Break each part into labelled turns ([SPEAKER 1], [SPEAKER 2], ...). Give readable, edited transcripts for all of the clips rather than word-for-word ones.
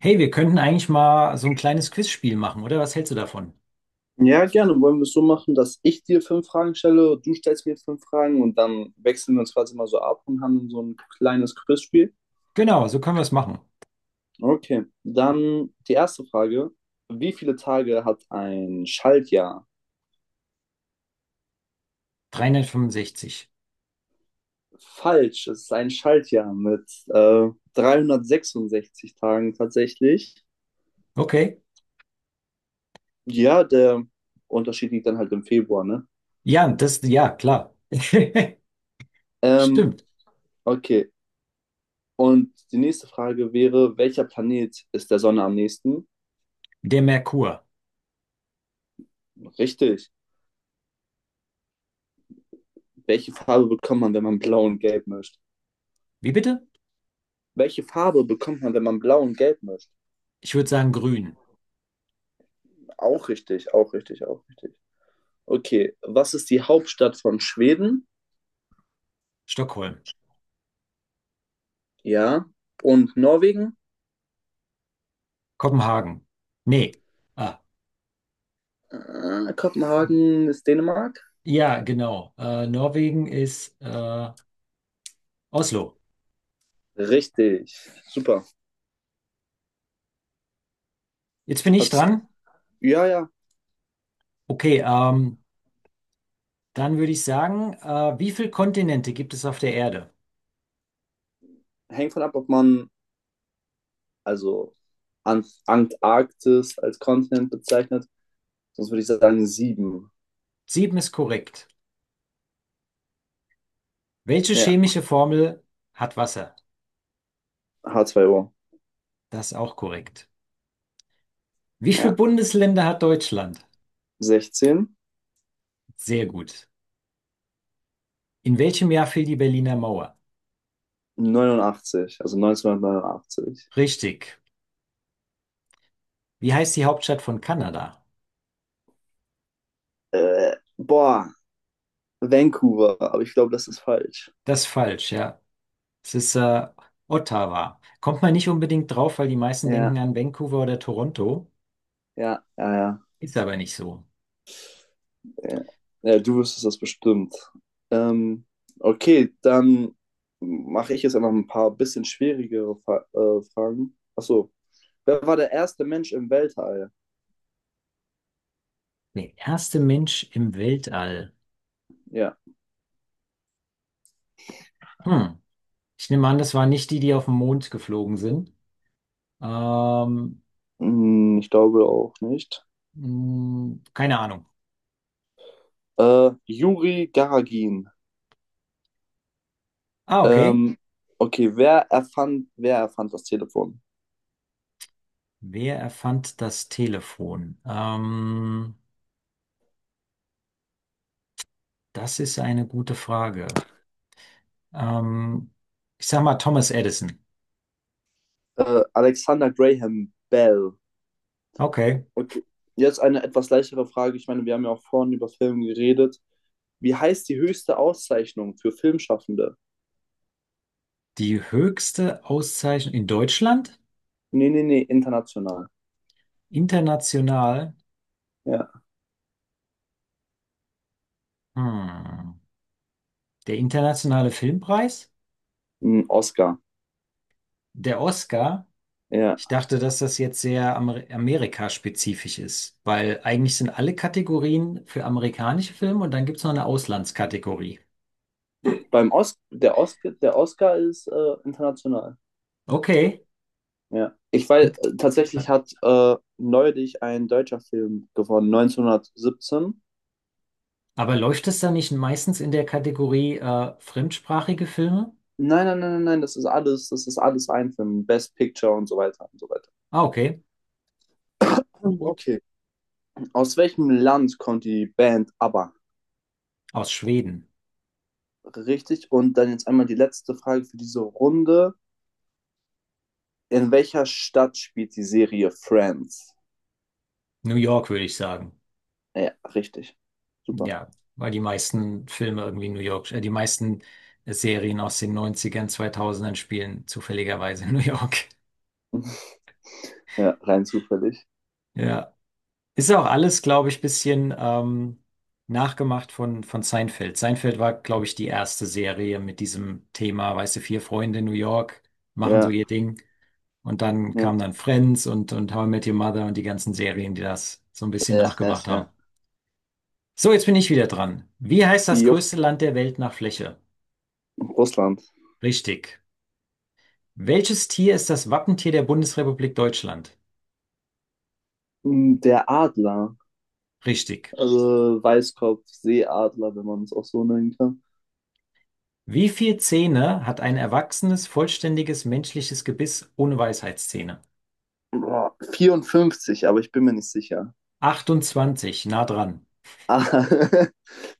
[SPEAKER 1] Hey, wir könnten eigentlich mal so ein kleines Quizspiel machen, oder? Was hältst du davon?
[SPEAKER 2] Ja, gerne. Wollen wir es so machen, dass ich dir fünf Fragen stelle, du stellst mir jetzt fünf Fragen und dann wechseln wir uns quasi mal so ab und haben dann so ein kleines Quizspiel.
[SPEAKER 1] Genau, so können wir es machen.
[SPEAKER 2] Okay, dann die erste Frage. Wie viele Tage hat ein Schaltjahr?
[SPEAKER 1] 365.
[SPEAKER 2] Falsch, es ist ein Schaltjahr mit 366 Tagen tatsächlich.
[SPEAKER 1] Okay.
[SPEAKER 2] Ja, der Unterschied liegt dann halt im Februar, ne?
[SPEAKER 1] Ja, das, ja, klar.
[SPEAKER 2] Ähm,
[SPEAKER 1] Stimmt.
[SPEAKER 2] okay, und die nächste Frage wäre, welcher Planet ist der Sonne am nächsten?
[SPEAKER 1] Der Merkur.
[SPEAKER 2] Richtig. Welche Farbe bekommt man, wenn man blau und gelb mischt?
[SPEAKER 1] Wie bitte?
[SPEAKER 2] Welche Farbe bekommt man, wenn man blau und gelb mischt?
[SPEAKER 1] Ich würde sagen grün.
[SPEAKER 2] Auch richtig, auch richtig, auch richtig. Okay, was ist die Hauptstadt von Schweden?
[SPEAKER 1] Stockholm.
[SPEAKER 2] Ja. Und Norwegen?
[SPEAKER 1] Kopenhagen. Nee. Ah,
[SPEAKER 2] Kopenhagen ist Dänemark?
[SPEAKER 1] ja, genau. Norwegen ist Oslo.
[SPEAKER 2] Richtig, super.
[SPEAKER 1] Jetzt bin ich
[SPEAKER 2] Hast,
[SPEAKER 1] dran.
[SPEAKER 2] ja, ja,
[SPEAKER 1] Okay, dann würde ich sagen, wie viele Kontinente gibt es auf der Erde?
[SPEAKER 2] hängt von ab, ob man also Antarktis als Kontinent bezeichnet. Sonst würde ich sagen sieben.
[SPEAKER 1] Sieben ist korrekt. Welche
[SPEAKER 2] Ja,
[SPEAKER 1] chemische Formel hat Wasser?
[SPEAKER 2] H2O.
[SPEAKER 1] Das ist auch korrekt. Wie viele
[SPEAKER 2] Ja,
[SPEAKER 1] Bundesländer hat Deutschland?
[SPEAKER 2] 16.
[SPEAKER 1] Sehr gut. In welchem Jahr fiel die Berliner Mauer?
[SPEAKER 2] 89, also 1989.
[SPEAKER 1] Richtig. Wie heißt die Hauptstadt von Kanada?
[SPEAKER 2] Boah, Vancouver, aber ich glaube, das ist falsch.
[SPEAKER 1] Das ist falsch, ja. Es ist Ottawa. Kommt man nicht unbedingt drauf, weil die meisten
[SPEAKER 2] Ja,
[SPEAKER 1] denken an Vancouver oder Toronto.
[SPEAKER 2] ja, ja, ja.
[SPEAKER 1] Ist aber nicht so.
[SPEAKER 2] Ja, ja du wüsstest das bestimmt. Ähm, okay, dann mache ich jetzt einfach ein paar bisschen schwierigere Fa Fragen. Achso, wer war der erste Mensch im Weltall?
[SPEAKER 1] Der erste Mensch im Weltall.
[SPEAKER 2] Ja,
[SPEAKER 1] Hm. Ich nehme an, das waren nicht die, die auf den Mond geflogen sind. Ähm,
[SPEAKER 2] ich glaube auch nicht.
[SPEAKER 1] keine Ahnung.
[SPEAKER 2] Juri Gagarin.
[SPEAKER 1] Ah, okay.
[SPEAKER 2] Ähm, okay, wer erfand das Telefon?
[SPEAKER 1] Wer erfand das Telefon? Das ist eine gute Frage. Ähm, ich sag mal Thomas Edison.
[SPEAKER 2] Alexander Graham Bell.
[SPEAKER 1] Okay.
[SPEAKER 2] Okay. Jetzt eine etwas leichtere Frage. Ich meine, wir haben ja auch vorhin über Filme geredet. Wie heißt die höchste Auszeichnung für Filmschaffende?
[SPEAKER 1] Die höchste Auszeichnung in Deutschland?
[SPEAKER 2] Nee, nee, nee, international.
[SPEAKER 1] International?
[SPEAKER 2] Ja.
[SPEAKER 1] Hm. Der internationale Filmpreis?
[SPEAKER 2] Ein Oscar.
[SPEAKER 1] Der Oscar?
[SPEAKER 2] Ja.
[SPEAKER 1] Ich dachte, dass das jetzt sehr Amerika-spezifisch ist, weil eigentlich sind alle Kategorien für amerikanische Filme und dann gibt es noch eine Auslandskategorie.
[SPEAKER 2] Beim Os der Oscar ist international.
[SPEAKER 1] Okay.
[SPEAKER 2] Ja. Ich weiß, tatsächlich hat neulich ein deutscher Film gewonnen, 1917.
[SPEAKER 1] Aber läuft es dann nicht meistens in der Kategorie fremdsprachige Filme?
[SPEAKER 2] Nein, nein, nein, nein, nein, das ist alles ein Film. Best Picture und so weiter und so weiter.
[SPEAKER 1] Ah, okay. Na gut.
[SPEAKER 2] Okay. Aus welchem Land kommt die Band ABBA?
[SPEAKER 1] Aus Schweden.
[SPEAKER 2] Richtig. Und dann jetzt einmal die letzte Frage für diese Runde. In welcher Stadt spielt die Serie Friends?
[SPEAKER 1] New York, würde ich sagen.
[SPEAKER 2] Ja, richtig. Super.
[SPEAKER 1] Ja, weil die meisten Filme irgendwie New York, die meisten Serien aus den Neunzigern, Zweitausendern spielen zufälligerweise in New York.
[SPEAKER 2] Ja, rein zufällig.
[SPEAKER 1] Ja. Ist auch alles, glaube ich, bisschen nachgemacht von Seinfeld. Seinfeld war, glaube ich, die erste Serie mit diesem Thema, weißt du, vier Freunde in New York machen so
[SPEAKER 2] Ja,
[SPEAKER 1] ihr Ding. Und dann
[SPEAKER 2] ja,
[SPEAKER 1] kam dann Friends und How I Met Your Mother und die ganzen Serien, die das so ein bisschen
[SPEAKER 2] ja, ja,
[SPEAKER 1] nachgemacht haben.
[SPEAKER 2] ja.
[SPEAKER 1] So, jetzt bin ich wieder dran. Wie heißt das
[SPEAKER 2] Jupp,
[SPEAKER 1] größte Land der Welt nach Fläche?
[SPEAKER 2] Russland.
[SPEAKER 1] Richtig. Welches Tier ist das Wappentier der Bundesrepublik Deutschland?
[SPEAKER 2] Der Adler.
[SPEAKER 1] Richtig.
[SPEAKER 2] Also Weißkopf, Seeadler, wenn man es auch so nennen kann.
[SPEAKER 1] Wie viele Zähne hat ein erwachsenes, vollständiges menschliches Gebiss ohne Weisheitszähne?
[SPEAKER 2] Boah, 54, aber ich bin mir nicht sicher.
[SPEAKER 1] 28, nah dran.
[SPEAKER 2] Ah,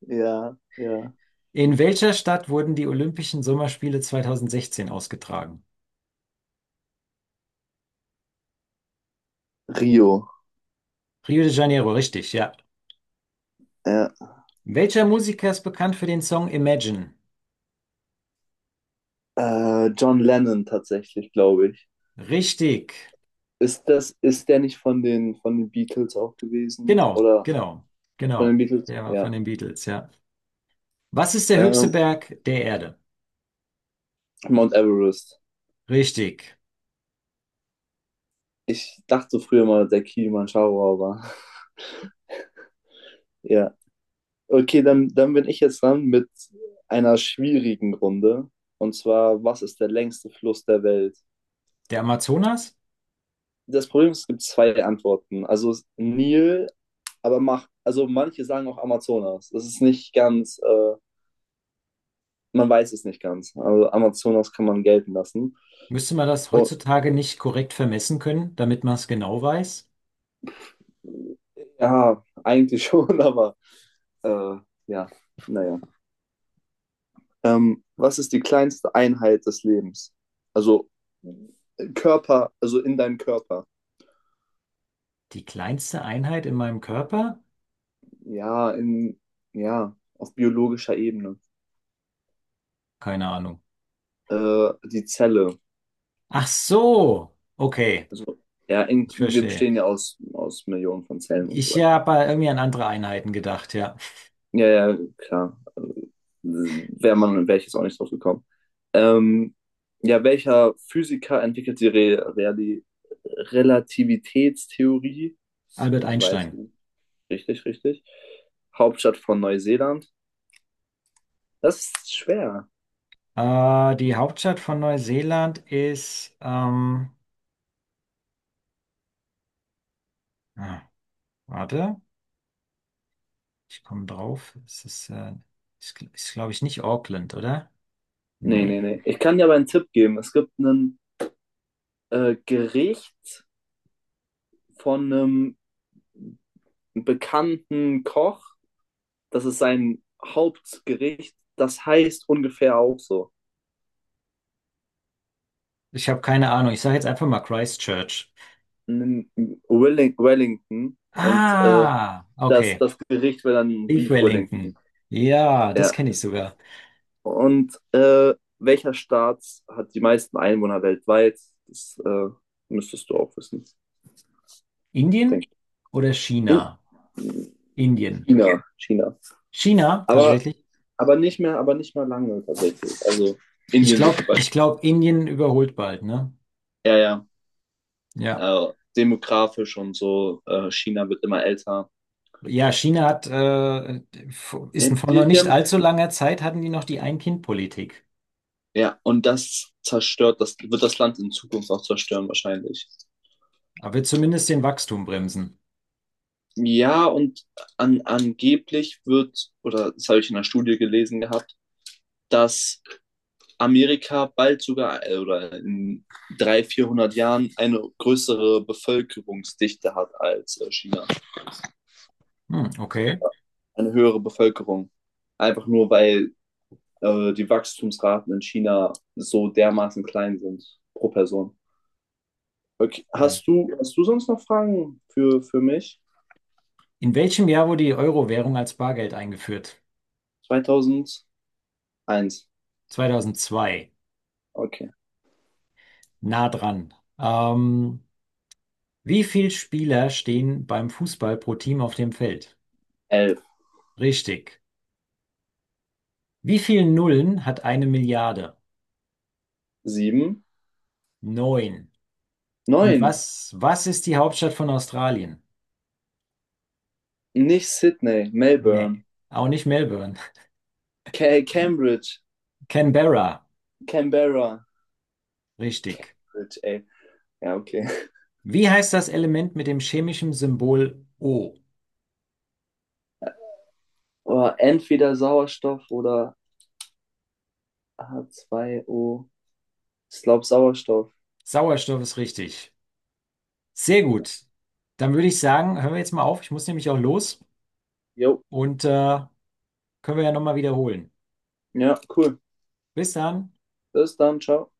[SPEAKER 2] ja, ja.
[SPEAKER 1] In welcher Stadt wurden die Olympischen Sommerspiele 2016 ausgetragen?
[SPEAKER 2] Rio.
[SPEAKER 1] Rio de Janeiro, richtig, ja.
[SPEAKER 2] Ja,
[SPEAKER 1] Welcher Musiker ist bekannt für den Song Imagine?
[SPEAKER 2] John Lennon tatsächlich, glaube ich.
[SPEAKER 1] Richtig.
[SPEAKER 2] Ist der nicht von den Beatles auch gewesen?
[SPEAKER 1] Genau,
[SPEAKER 2] Oder
[SPEAKER 1] genau,
[SPEAKER 2] von den
[SPEAKER 1] genau.
[SPEAKER 2] Beatles?
[SPEAKER 1] Der war von
[SPEAKER 2] Ja.
[SPEAKER 1] den Beatles, ja. Was ist der höchste
[SPEAKER 2] Ähm,
[SPEAKER 1] Berg der Erde?
[SPEAKER 2] Mount Everest.
[SPEAKER 1] Richtig.
[SPEAKER 2] Ich dachte so früher mal, der Kilimanjaro, aber ja. Okay, dann bin ich jetzt dran mit einer schwierigen Runde. Und zwar, was ist der längste Fluss der Welt?
[SPEAKER 1] Der Amazonas?
[SPEAKER 2] Das Problem ist, es gibt zwei Antworten. Also Nil, aber also manche sagen auch Amazonas. Das ist nicht ganz man weiß es nicht ganz. Also Amazonas kann man gelten lassen.
[SPEAKER 1] Müsste man das
[SPEAKER 2] Und,
[SPEAKER 1] heutzutage nicht korrekt vermessen können, damit man es genau weiß?
[SPEAKER 2] ja, eigentlich schon, aber äh, ja, naja. Was ist die kleinste Einheit des Lebens? Also Körper, also in deinem Körper.
[SPEAKER 1] Die kleinste Einheit in meinem Körper?
[SPEAKER 2] Ja, ja, auf biologischer Ebene.
[SPEAKER 1] Keine Ahnung.
[SPEAKER 2] Die Zelle.
[SPEAKER 1] Ach so. Okay,
[SPEAKER 2] Also, ja,
[SPEAKER 1] ich
[SPEAKER 2] wir
[SPEAKER 1] verstehe.
[SPEAKER 2] bestehen ja aus Millionen von Zellen und so
[SPEAKER 1] Ich
[SPEAKER 2] weiter.
[SPEAKER 1] habe irgendwie an andere Einheiten gedacht, ja.
[SPEAKER 2] Ja, ja, klar. Wäre ich jetzt auch nicht drauf gekommen. Ähm, ja, welcher Physiker entwickelt die Re Reali Relativitätstheorie? Das
[SPEAKER 1] Albert
[SPEAKER 2] weiß
[SPEAKER 1] Einstein.
[SPEAKER 2] man. Richtig, richtig. Hauptstadt von Neuseeland. Das ist schwer.
[SPEAKER 1] Die Hauptstadt von Neuseeland ist, ah, warte, ich komme drauf. Es ist glaube ich nicht Auckland, oder?
[SPEAKER 2] Nee, nee,
[SPEAKER 1] Nee.
[SPEAKER 2] nee. Ich kann dir aber einen Tipp geben. Es gibt ein Gericht von einem bekannten Koch. Das ist sein Hauptgericht. Das heißt ungefähr auch so.
[SPEAKER 1] Ich habe keine Ahnung. Ich sage jetzt einfach mal Christchurch.
[SPEAKER 2] In Wellington und
[SPEAKER 1] Ah,
[SPEAKER 2] das,
[SPEAKER 1] okay.
[SPEAKER 2] das Gericht wäre dann
[SPEAKER 1] Leave
[SPEAKER 2] Beef Wellington.
[SPEAKER 1] Wellington. Ja, das
[SPEAKER 2] Ja.
[SPEAKER 1] kenne ich sogar.
[SPEAKER 2] Und welcher Staat hat die meisten Einwohner weltweit? Das müsstest du auch wissen,
[SPEAKER 1] Indien
[SPEAKER 2] denke ich.
[SPEAKER 1] oder China?
[SPEAKER 2] In
[SPEAKER 1] Indien.
[SPEAKER 2] China. China.
[SPEAKER 1] China,
[SPEAKER 2] Aber,
[SPEAKER 1] tatsächlich.
[SPEAKER 2] aber nicht mehr lange tatsächlich. Also Indien wird bald-
[SPEAKER 1] Ich glaube, Indien überholt bald, ne?
[SPEAKER 2] ja, ja.
[SPEAKER 1] Ja.
[SPEAKER 2] Also, demografisch und so, China wird immer älter.
[SPEAKER 1] Ja, China
[SPEAKER 2] Die,
[SPEAKER 1] ist vor noch
[SPEAKER 2] die, die
[SPEAKER 1] nicht
[SPEAKER 2] haben.
[SPEAKER 1] allzu langer Zeit, hatten die noch die Ein-Kind-Politik.
[SPEAKER 2] Ja, und das wird das Land in Zukunft auch zerstören wahrscheinlich.
[SPEAKER 1] Aber wird zumindest den Wachstum bremsen.
[SPEAKER 2] Ja, und angeblich wird, oder das habe ich in einer Studie gelesen gehabt, dass Amerika bald sogar oder in 300, 400 Jahren eine größere Bevölkerungsdichte hat als China.
[SPEAKER 1] Hm, okay.
[SPEAKER 2] Eine höhere Bevölkerung. Einfach nur, weil die Wachstumsraten in China so dermaßen klein sind pro Person. Okay.
[SPEAKER 1] Ja.
[SPEAKER 2] Hast du sonst noch Fragen für mich?
[SPEAKER 1] In welchem Jahr wurde die Euro-Währung als Bargeld eingeführt?
[SPEAKER 2] 2001.
[SPEAKER 1] 2002.
[SPEAKER 2] Okay.
[SPEAKER 1] Nah dran. Ähm, wie viele Spieler stehen beim Fußball pro Team auf dem Feld?
[SPEAKER 2] 11.
[SPEAKER 1] Richtig. Wie viele Nullen hat eine Milliarde?
[SPEAKER 2] Sieben.
[SPEAKER 1] Neun. Und
[SPEAKER 2] Neun.
[SPEAKER 1] was, was ist die Hauptstadt von Australien?
[SPEAKER 2] Nicht Sydney,
[SPEAKER 1] Nee.
[SPEAKER 2] Melbourne.
[SPEAKER 1] Auch nicht Melbourne.
[SPEAKER 2] Cambridge.
[SPEAKER 1] Canberra.
[SPEAKER 2] Canberra.
[SPEAKER 1] Richtig.
[SPEAKER 2] Ey. Ja, okay.
[SPEAKER 1] Wie heißt das Element mit dem chemischen Symbol O?
[SPEAKER 2] Oh, entweder Sauerstoff oder H2O. Ich glaube Sauerstoff.
[SPEAKER 1] Sauerstoff ist richtig. Sehr gut. Dann würde ich sagen, hören wir jetzt mal auf. Ich muss nämlich auch los
[SPEAKER 2] Jo.
[SPEAKER 1] und können wir ja nochmal wiederholen.
[SPEAKER 2] Ja, cool.
[SPEAKER 1] Bis dann.
[SPEAKER 2] Bis dann. Ciao.